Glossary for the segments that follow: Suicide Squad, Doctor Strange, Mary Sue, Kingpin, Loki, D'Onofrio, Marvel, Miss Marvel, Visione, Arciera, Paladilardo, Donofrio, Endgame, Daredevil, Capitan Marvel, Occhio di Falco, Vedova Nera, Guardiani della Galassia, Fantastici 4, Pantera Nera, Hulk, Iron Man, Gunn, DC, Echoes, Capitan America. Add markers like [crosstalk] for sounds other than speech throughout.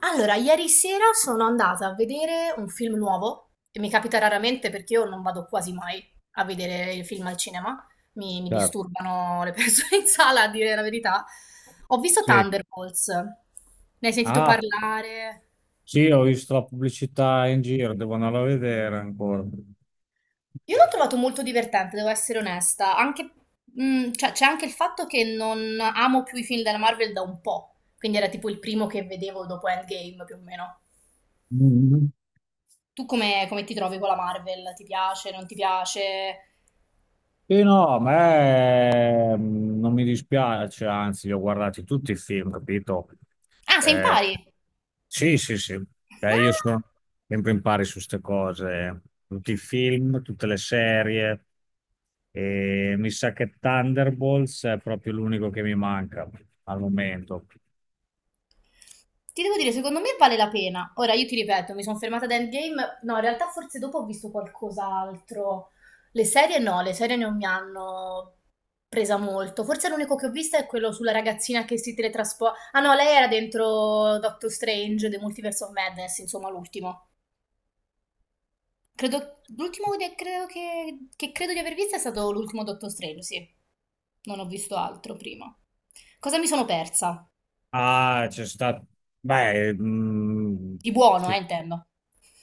Allora, ieri sera sono andata a vedere un film nuovo, e mi capita raramente perché io non vado quasi mai a vedere i film al cinema, mi Chiaro. disturbano le persone [laughs] in sala, a dire la verità. Ho visto Sì. Thunderbolts, ne hai sentito Ah, parlare? sì, ho visto la pubblicità in giro, devo andare a vedere ancora. Io l'ho trovato molto divertente, devo essere onesta, anche, cioè, c'è anche il fatto che non amo più i film della Marvel da un po', quindi era tipo il primo che vedevo dopo Endgame più o meno. Mhm. Tu come ti trovi con la Marvel? Ti piace, non ti piace? Sì, no, a me non mi dispiace, anzi, li ho guardati tutti i film, capito? Ah, sei in Eh, pari? sì, sì, sì. Io Ah, sono sempre in pari su queste cose, tutti i film, tutte le serie, e mi sa che Thunderbolts è proprio l'unico che mi manca al momento. ti devo dire, secondo me vale la pena. Ora, io ti ripeto, mi sono fermata ad Endgame. No, in realtà forse dopo ho visto qualcos'altro. Le serie no, le serie non mi hanno presa molto. Forse l'unico che ho visto è quello sulla ragazzina che si teletrasporta. Ah no, lei era dentro Doctor Strange, The Multiverse of Madness, insomma, l'ultimo. Credo, credo che, credo di aver visto è stato l'ultimo Doctor Strange, sì. Non ho visto altro prima. Cosa mi sono persa? Ah, c'è stato. Beh, mm, Di buono, sì. Intendo.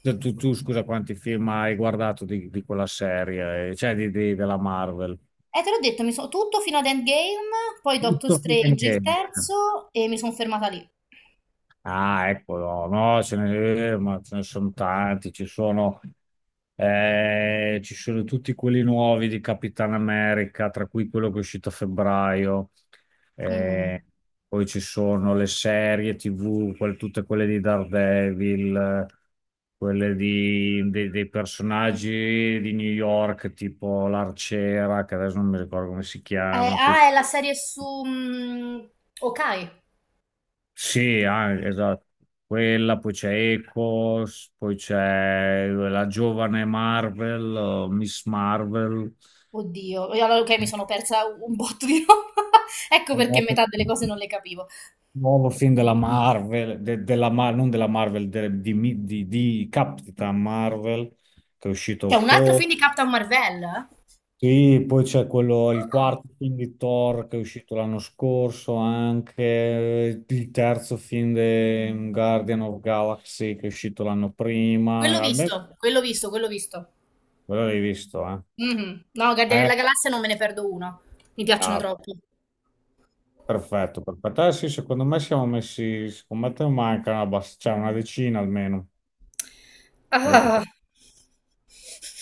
Tu, scusa, quanti film hai guardato di quella serie, cioè della Marvel? Te l'ho detto, tutto fino ad Endgame, poi Doctor Tutto. Strange il terzo e mi sono fermata lì. Ah, eccolo, no, ce ne, ma ce ne sono tanti, ci sono tutti quelli nuovi di Capitan America, tra cui quello che è uscito a febbraio, Mm. eh, poi ci sono le serie TV, tutte quelle di Daredevil, quelle di- dei dei personaggi di New York, tipo l'Arciera, che adesso non mi ricordo come si chiama, poi Ah, è la serie su mm, Ok. sì, anche, esatto. Quella, poi c'è Echoes, poi c'è la giovane Marvel, o Miss Marvel, Oddio, e allora ok, mi sono persa un [laughs] botto di roba. [laughs] Ecco un perché nuovo, metà delle cose non le capivo. nuovo film della Marvel, non della Marvel, di Capitan Marvel, che è uscito a C'è un altro ottobre. film di Captain Marvel? Ah, Sì, poi c'è quello, il quarto film di Thor che è uscito l'anno scorso, anche il terzo film di Guardian of Galaxy che è uscito l'anno quello prima. Almeno visto, quello visto, quello visto. quello l'hai visto, eh? Mhm. No, Guardiani Eh, della Galassia non me ne perdo uno. Mi piacciono ah, troppo. perfetto, perfetto. Eh sì, secondo me siamo messi, secondo me te ne manca una, cioè una decina almeno da Ah, recuperare.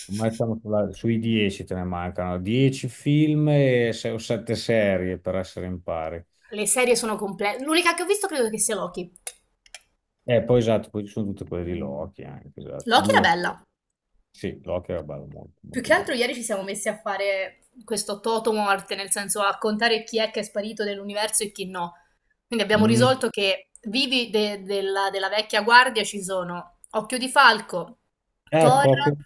Secondo me siamo sui 10 te ne mancano, 10 film e o 7 serie per essere in pari. le serie sono complete. L'unica che ho visto credo che sia Loki. E poi esatto, poi ci sono tutte quelle di Loki anche, esatto. Loki era Due, bella. sì, Loki era bello, molto, Più molto che altro bello. ieri ci siamo messi a fare questo toto morte, nel senso a contare chi è che è sparito dell'universo e chi no. Quindi abbiamo Mm. risolto che della vecchia guardia ci sono Occhio di Falco, Thor. Ecco, Occhio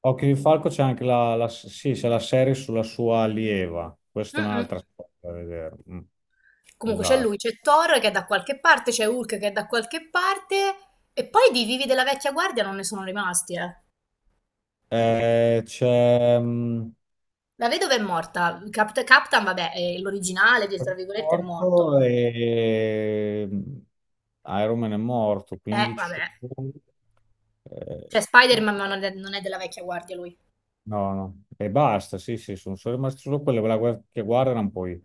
Occhio di Falco c'è anche sì, c'è la serie sulla sua allieva. Questa è Mm-mm. un'altra storia da vedere. Mm, Comunque c'è esatto. lui, c'è Thor che è da qualche parte, c'è Hulk che è da qualche parte, e poi di vivi della vecchia guardia non ne sono rimasti, eh. C'è La vedova è morta, Captain, vabbè, è l'originale, tra virgolette, è morto. morto e Iron Man è morto, quindi ci Vabbè. sono... Cioè eh, Spider-Man ma non è della vecchia guardia lui. no, no, e basta, sì, sì, sono solo rimaste solo quelle che guardano poi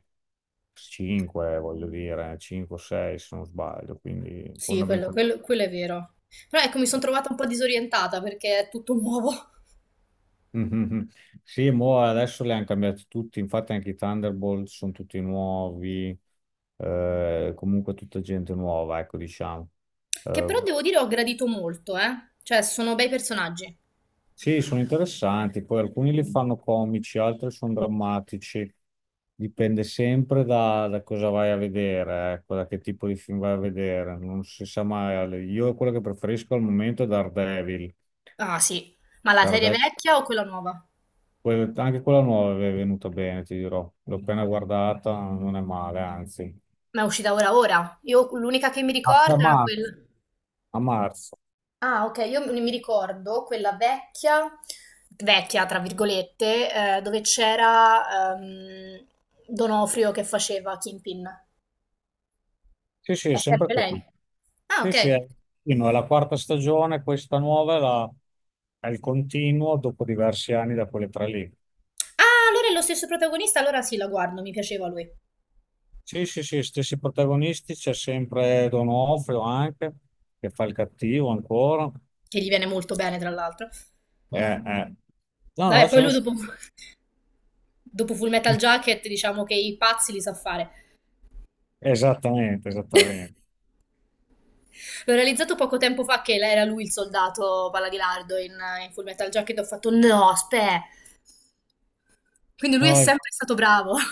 5, voglio dire, 5 o 6 se non sbaglio, quindi Sì, quello fondamentalmente... quello quello è vero. Però ecco mi son trovata un po' disorientata perché è tutto [laughs] nuovo. Mhm. Sì, mo adesso li hanno cambiati tutti, infatti anche i Thunderbolt sono tutti nuovi, comunque tutta gente nuova, ecco, diciamo. Che Eh, però devo dire ho gradito molto, eh. Cioè sono bei personaggi. sì, sono interessanti, poi alcuni li fanno comici, altri sono drammatici, dipende sempre da cosa vai a vedere, ecco, da che tipo di film vai a vedere, non si sa mai. Io quello che preferisco al momento è Daredevil. Ah sì. Ma la serie Daredevil vecchia o quella nuova? Anche quella nuova è venuta bene, ti dirò. L'ho appena guardata, non è male, anzi. Ma è uscita ora ora. Io l'unica che mi A tre ricordo era marzo. quel A marzo. ah okay, io mi ricordo quella vecchia vecchia tra virgolette, dove c'era, D'Onofrio che faceva Kingpin. Sì, sì, è È sempre sempre lei? quella. Ah Sì, sì, okay. sì, no, è la quarta stagione, questa nuova è il continuo dopo diversi anni da quelle tre lì. Ah, allora è lo stesso protagonista, allora sì, la guardo, mi piaceva lui, Sì, sì, sì, stessi protagonisti, c'è sempre Donofrio anche, che fa il cattivo ancora. che gli viene molto bene, tra l'altro. Eh. No, Vabbè, no, ce poi ne lui sono. dopo, [laughs] dopo Full Metal Jacket, diciamo che i pazzi li sa fare. Esattamente, esattamente. L'ho realizzato poco tempo fa che era lui il soldato in Full Metal Jacket, ho fatto no, aspetta. Quindi lui è No, sempre stato bravo. [laughs]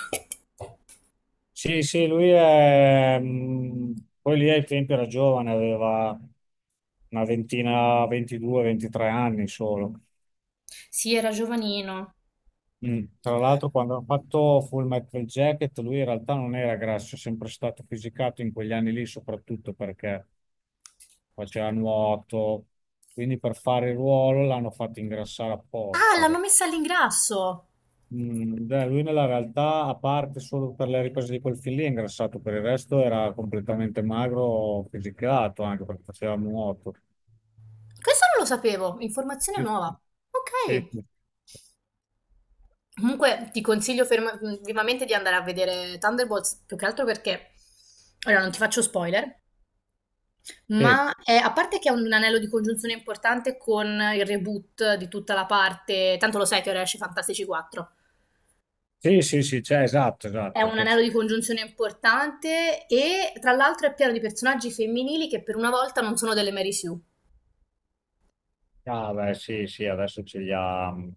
sì, sì, lui è... Poi lì ai tempi era giovane, aveva una ventina, 22, 23 anni solo. Sì, era giovanino. Mm. Tra l'altro, quando hanno fatto Full Metal Jacket, lui in realtà non era grasso, è sempre stato fisicato in quegli anni lì, soprattutto perché faceva nuoto. Quindi per fare il ruolo l'hanno fatto ingrassare Ah, apposta. l'hanno messa all'ingrasso. Mm, beh, lui nella realtà, a parte solo per le riprese di quel film lì, è ingrassato, per il resto era completamente magro, fisicato, anche perché faceva nuoto. Questo non lo sapevo, informazione Sì, nuova. Ok. sì, Comunque ti consiglio vivamente di andare a vedere Thunderbolts, più che altro perché, allora non ti faccio spoiler, sì, ma a parte che è un anello di congiunzione importante con il reboot di tutta la parte, tanto lo sai che ora esce Fantastici 4, sì, sì, sì, cioè, esatto, è esatto. un anello di congiunzione importante e tra l'altro è pieno di personaggi femminili che per una volta non sono delle Mary Sue. Ah, beh, sì, sì, adesso ce li ha.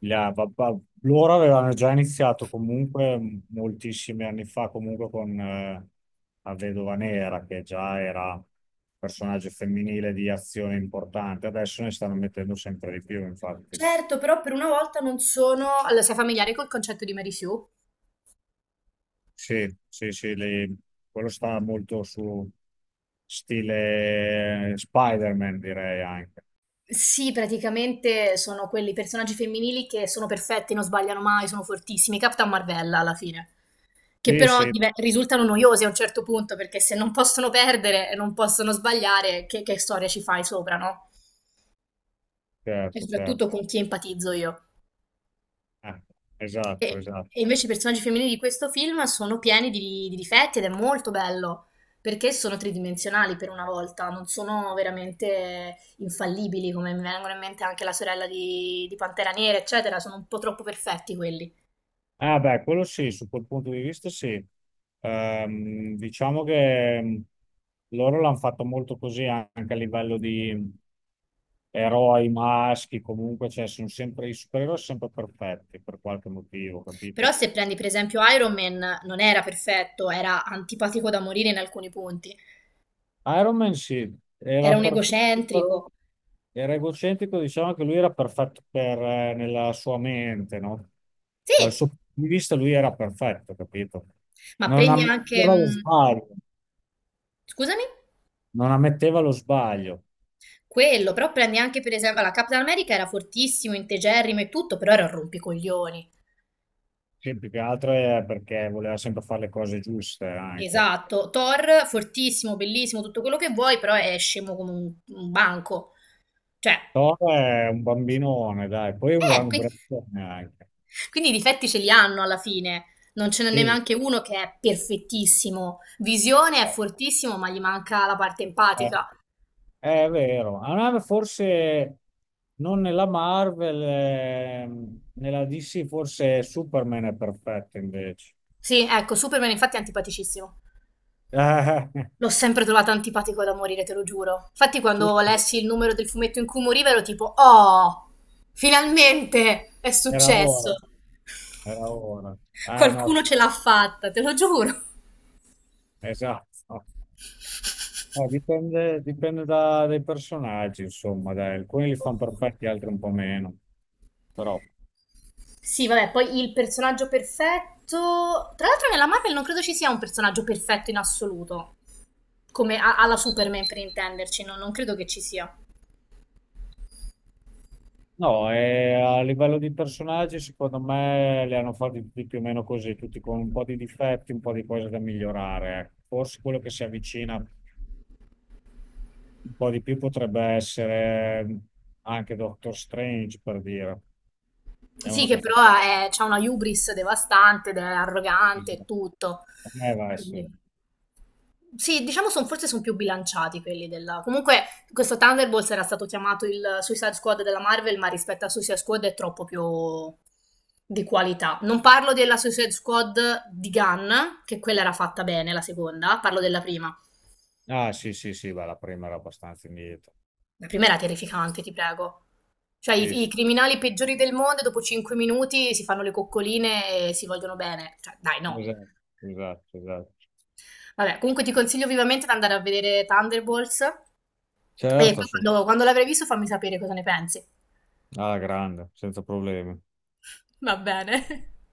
Yeah, loro avevano già iniziato comunque moltissimi anni fa, comunque con la Vedova Nera, che già era un personaggio femminile di azione importante. Adesso ne stanno mettendo sempre di più, infatti. Certo, però per una volta non sono... Allora, sei familiare col concetto di Mary Sue? Sì, sì, sì, quello sta molto su stile Spider-Man, direi anche. Sì, praticamente sono quelli personaggi femminili che sono perfetti, non sbagliano mai, sono fortissimi. Captain Marvella alla fine, che Sì, però sì, risultano noiosi a un certo punto perché se non possono perdere e non possono sbagliare, che storia ci fai sopra, no? E certo, certo. soprattutto con chi empatizzo io. Eh, esatto, E, esatto. e invece i personaggi femminili di questo film sono pieni di difetti ed è molto bello perché sono tridimensionali per una volta, non sono veramente infallibili come mi vengono in mente anche la sorella di Pantera Nera, eccetera, sono un po' troppo perfetti quelli. Ah, beh, quello sì, su quel punto di vista sì. Diciamo che loro l'hanno fatto molto così anche a livello di eroi maschi, comunque, cioè sono sempre, i supereroi sono sempre perfetti per qualche motivo, Però capito? se prendi per esempio Iron Man non era perfetto, era antipatico da morire in alcuni punti, Iron Man sì, era era un perfetto, però egocentrico. era egocentrico, diciamo che lui era perfetto nella sua mente, no? Dal Sì, suo punto di vista lui era perfetto, capito? ma Non prendi anche... ammetteva lo sbaglio. Scusami? Non ammetteva lo sbaglio, Quello, però prendi anche per esempio, la Capitan America era fortissimo, integerrimo e tutto, però era un rompicoglioni. che più che altro è perché voleva sempre fare le cose giuste anche. Esatto, Thor fortissimo, bellissimo, tutto quello che vuoi, però è scemo come un banco. Cioè, Thor è un bambinone, dai, poi è un eh, gran quindi, ubriacone anche. quindi i difetti ce li hanno alla fine. Non ce n'è Sì, neanche uno che è perfettissimo. Visione è fortissimo, ma gli manca la parte eh, empatica. è vero. A me forse non nella Marvel, nella DC forse Superman è perfetto invece. Sì, ecco, Superman infatti è antipaticissimo. [laughs] Eh, L'ho sempre trovata antipatico da morire, te lo giuro. Infatti, quando Super- lessi il numero del fumetto in cui moriva, ero tipo, oh, finalmente è Era successo. ora, era ora. Ah no, Qualcuno ce l'ha fatta, te lo giuro. esatto. Dipende dai personaggi, insomma, dai, alcuni li fanno perfetti, altri un po' meno. Però, Sì, vabbè, poi il personaggio perfetto. Tra l'altro, nella Marvel non credo ci sia un personaggio perfetto in assoluto. Come alla Superman, per intenderci, no? Non credo che ci sia. no, a livello di personaggi, secondo me li hanno fatti tutti più o meno così, tutti con un po' di difetti, un po' di cose da migliorare. Ecco. Forse quello che si avvicina un po' di più potrebbe essere anche Doctor Strange, per dire. È Sì, uno che che fa... però c'ha una hubris devastante ed è arrogante e tutto. Vai, sì. Quindi. Sì, diciamo son forse son più bilanciati quelli della comunque questo Thunderbolts era stato chiamato il Suicide Squad della Marvel, ma rispetto a Suicide Squad è troppo più di qualità. Non parlo della Suicide Squad di Gunn, che quella era fatta bene, la seconda, parlo della prima. Ah, sì, sì, sì, beh, la prima era abbastanza indietro. La prima era terrificante, ti prego. Cioè Sì, i sì, criminali peggiori del mondo dopo 5 minuti si fanno le coccoline e si vogliono bene. Cioè, dai, no. esatto, esatto, esatto. Vabbè, comunque ti consiglio vivamente di andare a vedere Thunderbolts e poi Certo, su. Quando l'avrai visto fammi sapere cosa ne pensi. Alla grande, senza problemi. Va bene. [laughs]